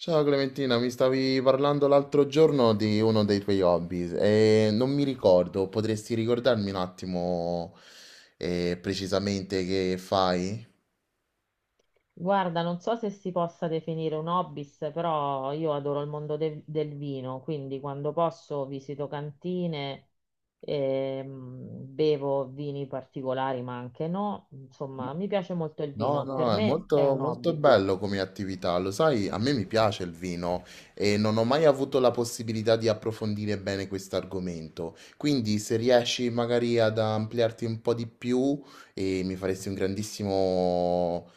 Ciao Clementina, mi stavi parlando l'altro giorno di uno dei tuoi hobby e non mi ricordo, potresti ricordarmi un attimo precisamente che fai? Guarda, non so se si possa definire un hobby, però io adoro il mondo del vino, quindi quando posso visito cantine, ehm, bevo vini particolari, ma anche no. Insomma, mi piace molto il No, vino, per no, è me è molto, un molto hobby. bello come attività, lo sai, a me mi piace il vino e non ho mai avuto la possibilità di approfondire bene questo argomento, quindi se riesci magari ad ampliarti un po' di più mi faresti un grandissimo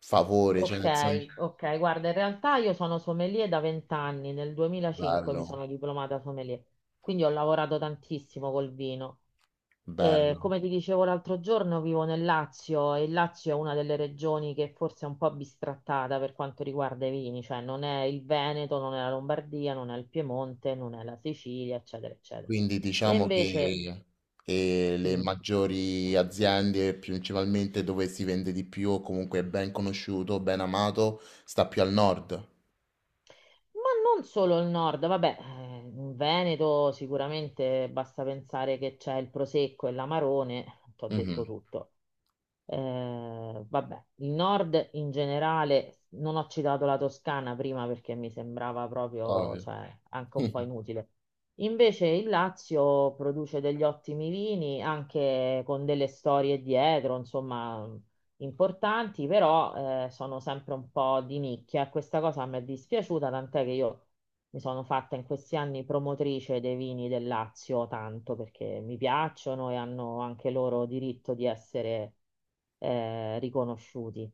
favore, cioè Ok, nel senso ok, guarda, in realtà io sono sommelier da vent'anni, nel 2005 mi bello. sono diplomata sommelier, quindi ho lavorato tantissimo col vino. Bello. Come ti dicevo l'altro giorno, vivo nel Lazio e il Lazio è una delle regioni che forse è un po' bistrattata per quanto riguarda i vini, cioè non è il Veneto, non è la Lombardia, non è il Piemonte, non è la Sicilia, eccetera, eccetera. Quindi E diciamo invece, che le mm, maggiori aziende, principalmente dove si vende di più, o comunque è ben conosciuto, ben amato, sta più al nord. ma non solo il nord, vabbè, in Veneto sicuramente basta pensare che c'è il Prosecco e l'Amarone, ti ho detto Mhm, tutto. Vabbè, il nord in generale, non ho citato la Toscana prima perché mi sembrava proprio, ovvio. cioè, anche un po' inutile. Invece il Lazio produce degli ottimi vini, anche con delle storie dietro, insomma, importanti, però sono sempre un po' di nicchia. E Questa cosa mi è dispiaciuta, tant'è che io mi sono fatta in questi anni promotrice dei vini del Lazio tanto perché mi piacciono e hanno anche loro diritto di essere riconosciuti.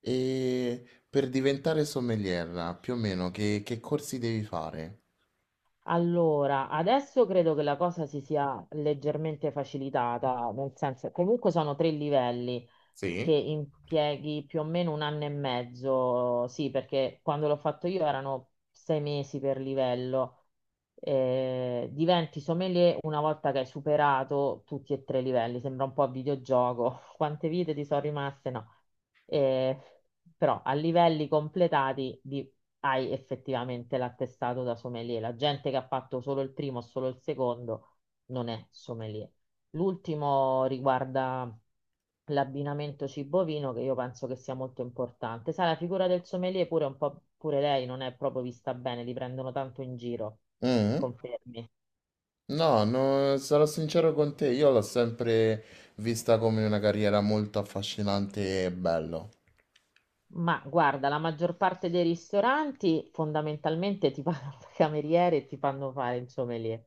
E per diventare sommelier, più o meno, che corsi devi fare? Allora, adesso credo che la cosa si sia leggermente facilitata, nel senso, comunque sono tre livelli che Sì. impieghi più o meno un anno e mezzo, sì, perché quando l'ho fatto io erano sei mesi per livello. Diventi sommelier una volta che hai superato tutti e tre i livelli, sembra un po' a videogioco. Quante vite ti sono rimaste? No. Eh, Però a livelli completati hai effettivamente l'attestato da sommelier. La gente che ha fatto solo il primo o solo il secondo non è sommelier. L'ultimo riguarda l'abbinamento cibo-vino, che io penso che sia molto importante. Sai, la figura del sommelier pure un po', pure lei non è proprio vista bene, li prendono tanto in giro, Mm? confermi. No, no, sarò sincero con te, io l'ho sempre vista come una carriera molto affascinante e bello. Ma guarda, la maggior parte dei ristoranti fondamentalmente ti pagano da cameriere e ti fanno fare il sommelier.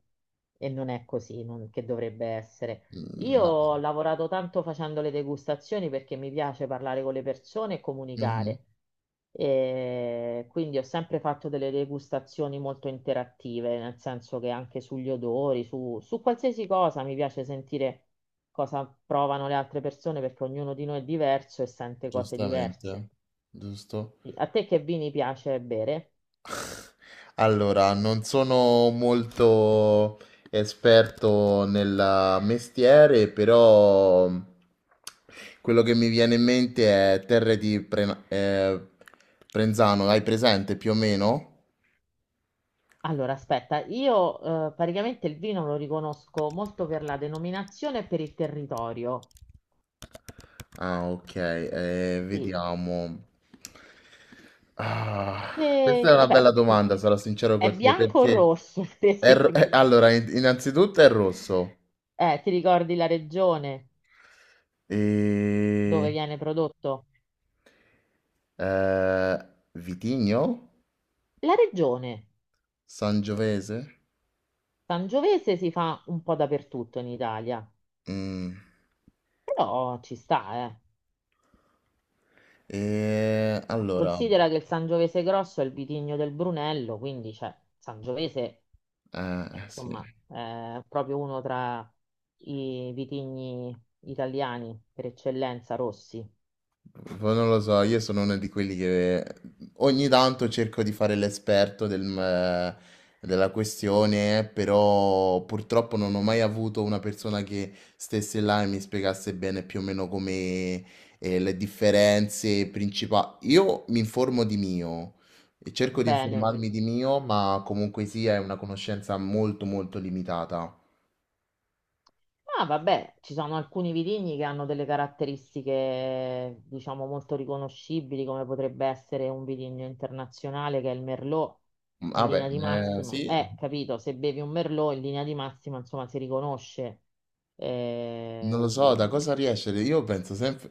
E non è così, che dovrebbe essere. Io Mm. ho lavorato tanto facendo le degustazioni perché mi piace parlare con le persone e No. comunicare. E quindi ho sempre fatto delle degustazioni molto interattive, nel senso che anche sugli odori, su qualsiasi cosa mi piace sentire cosa provano le altre persone perché ognuno di noi è diverso e sente cose diverse. Giustamente, giusto? Sì, a te che vini piace bere? Allora, non sono molto esperto nel mestiere, però quello che mi viene in mente è Prenzano, hai presente più o meno? Allora, aspetta, io praticamente il vino lo riconosco molto per la denominazione e per il territorio. Ah, ok, Sì. vediamo. Ah, questa è E una beh, bella domanda, sarò sincero è con te, bianco o perché rosso, ad esempio? allora, innanzitutto è rosso. Ti ricordi la regione dove E... viene prodotto? Eh, vitigno? La regione Sangiovese? Sangiovese si fa un po' dappertutto in Italia, Mm. però ci sta, eh. E allora, Considera che il Sangiovese grosso è il vitigno del Brunello, quindi cioè, Sangiovese sì. insomma, proprio uno tra i vitigni italiani per eccellenza, rossi. Poi non lo so, io sono uno di quelli che ogni tanto cerco di fare della questione, però purtroppo non ho mai avuto una persona che stesse là e mi spiegasse bene più o meno come le differenze principali. Io mi informo di mio e cerco di Bene. informarmi di mio, ma comunque sia è una conoscenza molto limitata. Ma vabbè, ci sono alcuni vitigni che hanno delle caratteristiche, diciamo, molto riconoscibili, come potrebbe essere un vitigno internazionale che è il Merlot, in Vabbè, linea di massima. sì. Capito, se bevi un Merlot in linea di massima, insomma, si riconosce. Non lo so, da Ehm, cosa riesce? Io penso sempre,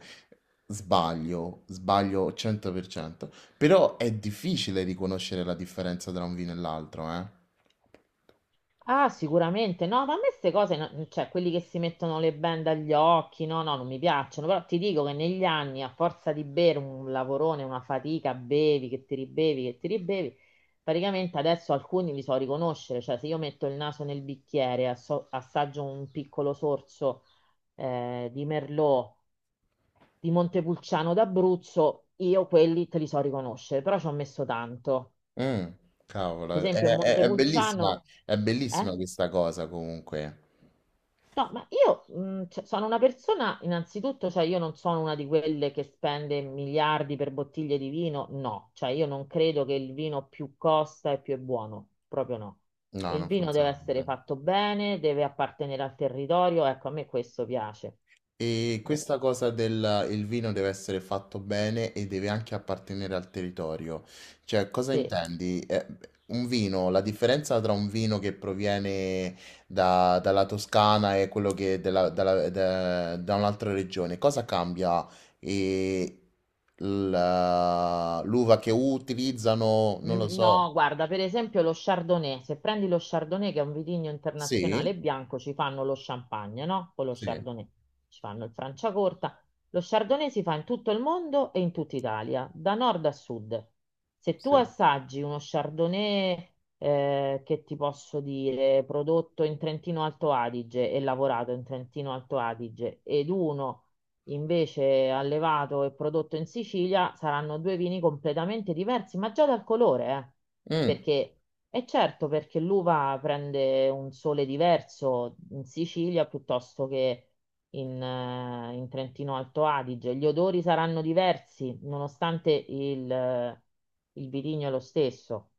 sbaglio 100%, però è difficile riconoscere la differenza tra un vino e l'altro, eh? Ah, sicuramente. No, ma a me queste cose, cioè quelli che si mettono le bende agli occhi, no, no, non mi piacciono, però ti dico che negli anni, a forza di bere un lavorone, una fatica, bevi, che ti ribevi, praticamente adesso alcuni li so riconoscere, cioè se io metto il naso nel bicchiere, assaggio un piccolo sorso di Merlot, di Montepulciano d'Abruzzo, io quelli te li so riconoscere, però ci ho messo tanto. Mm, Per cavolo, esempio, il Montepulciano. è Eh? bellissima questa cosa comunque. No, ma io cioè, sono una persona, innanzitutto, cioè io non sono una di quelle che spende miliardi per bottiglie di vino, no, cioè io non credo che il vino più costa e più è buono, proprio no. No, Il non vino deve funziona essere così. fatto bene, deve appartenere al territorio, ecco, a me questo piace. E Eh, questa cosa del il vino deve essere fatto bene e deve anche appartenere al territorio. Cioè, cosa sì. intendi? Un vino, la differenza tra un vino che proviene dalla Toscana e quello che della- dalla- da da un'altra regione, cosa cambia? E l'uva che utilizzano, non lo Mm, so. no, guarda, per esempio lo Chardonnay, se prendi lo Chardonnay che è un vitigno Sì, internazionale bianco, ci fanno lo champagne, no? Con lo sì, Chardonnay. Ci fanno il Franciacorta. Lo Chardonnay si fa in tutto il mondo e in tutta Italia, da nord a sud. Se tu sì. assaggi uno Chardonnay, che ti posso dire, prodotto in Trentino Alto Adige e lavorato in Trentino Alto Adige, ed uno invece allevato e prodotto in Sicilia saranno due vini completamente diversi, ma già dal colore, eh. Mm, Perché è certo perché l'uva prende un sole diverso in Sicilia piuttosto che in Trentino Alto Adige. Gli odori saranno diversi, nonostante il vitigno è lo stesso.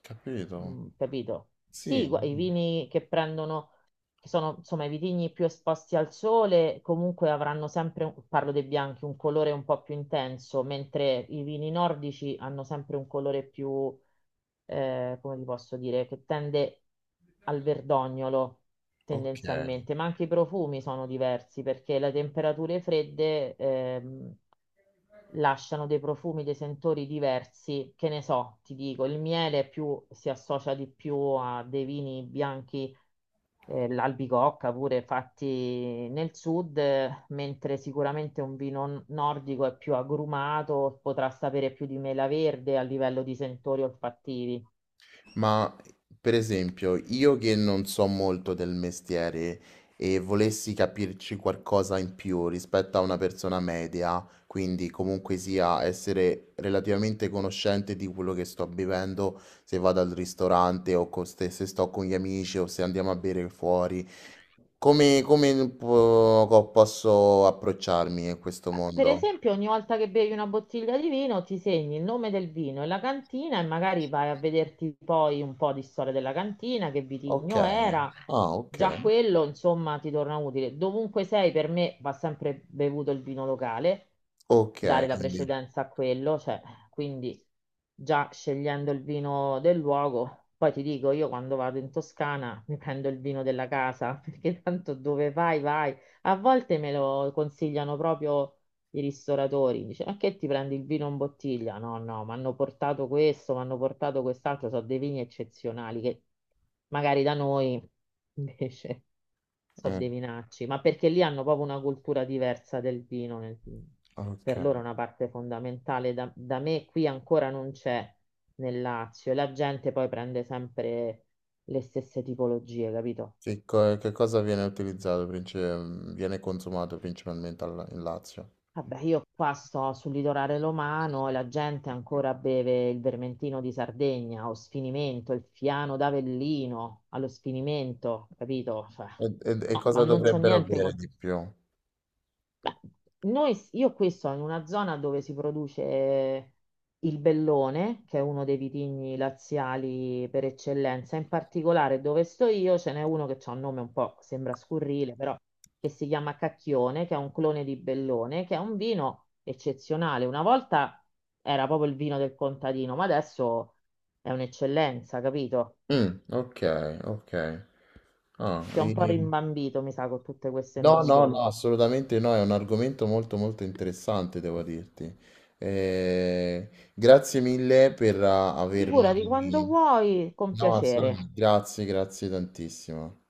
capito. Mm, capito? Sì, Sì, i vini che prendono, che sono insomma i vitigni più esposti al sole, comunque avranno sempre, parlo dei bianchi, un colore un po' più intenso, mentre i vini nordici hanno sempre un colore più, come vi posso dire, che tende al verdognolo ok. tendenzialmente, ma anche i profumi sono diversi perché le temperature fredde, lasciano dei profumi, dei sentori diversi, che ne so, ti dico, il miele più, si associa di più a dei vini bianchi, l'albicocca pure fatti nel sud, mentre sicuramente un vino nordico è più agrumato, potrà sapere più di mela verde a livello di sentori olfattivi. Ma per esempio, io che non so molto del mestiere e volessi capirci qualcosa in più rispetto a una persona media, quindi comunque sia essere relativamente conoscente di quello che sto bevendo, se vado al ristorante o se sto con gli amici o se andiamo a bere fuori, come, posso approcciarmi in questo Per mondo? esempio, ogni volta che bevi una bottiglia di vino, ti segni il nome del vino e la cantina e magari vai a vederti poi un po' di storia della cantina, che Ok, vitigno era. ah, ok, Già quello, insomma, ti torna utile. Dovunque sei, per me va sempre bevuto il vino locale, ok, dare la quindi, precedenza a quello, cioè, quindi già scegliendo il vino del luogo. Poi ti dico, io quando vado in Toscana mi prendo il vino della casa, perché tanto dove vai, vai. A volte me lo consigliano proprio i ristoratori, dice, ma che ti prendi il vino in bottiglia? No, no, mi hanno portato questo, mi hanno portato quest'altro, sono dei vini eccezionali che magari da noi invece sono mm, dei vinacci, ma perché lì hanno proprio una cultura diversa del vino, per loro ok. è una parte fondamentale, da me qui ancora non c'è nel Lazio e la gente poi prende sempre le stesse tipologie, capito? Che cosa viene utilizzato princi viene consumato principalmente al in Lazio? Vabbè, io qua sto sul litorale romano e la gente ancora beve il vermentino di Sardegna, o sfinimento, il fiano d'Avellino allo sfinimento, capito? Cioè, E no, ma cosa non c'ho dovrebbero, mh, niente bere con... di più? Beh, io qui sono in una zona dove si produce il bellone, che è uno dei vitigni laziali per eccellenza. In particolare dove sto io ce n'è uno che ha un nome un po', sembra scurrile, però che si chiama Cacchione, che è un clone di bellone, che è un vino eccezionale. Una volta era proprio il vino del contadino, ma adesso è un'eccellenza, capito? Okay, okay. Ah, Ti ho un po' ehm, rimbambito, mi sa, con tutte queste no, no, no, nozioni. assolutamente no, è un argomento molto, molto interessante devo dirti. Ehm, grazie mille per Figurati quando avermi vuoi, con no, assolutamen piacere. grazie, grazie tantissimo.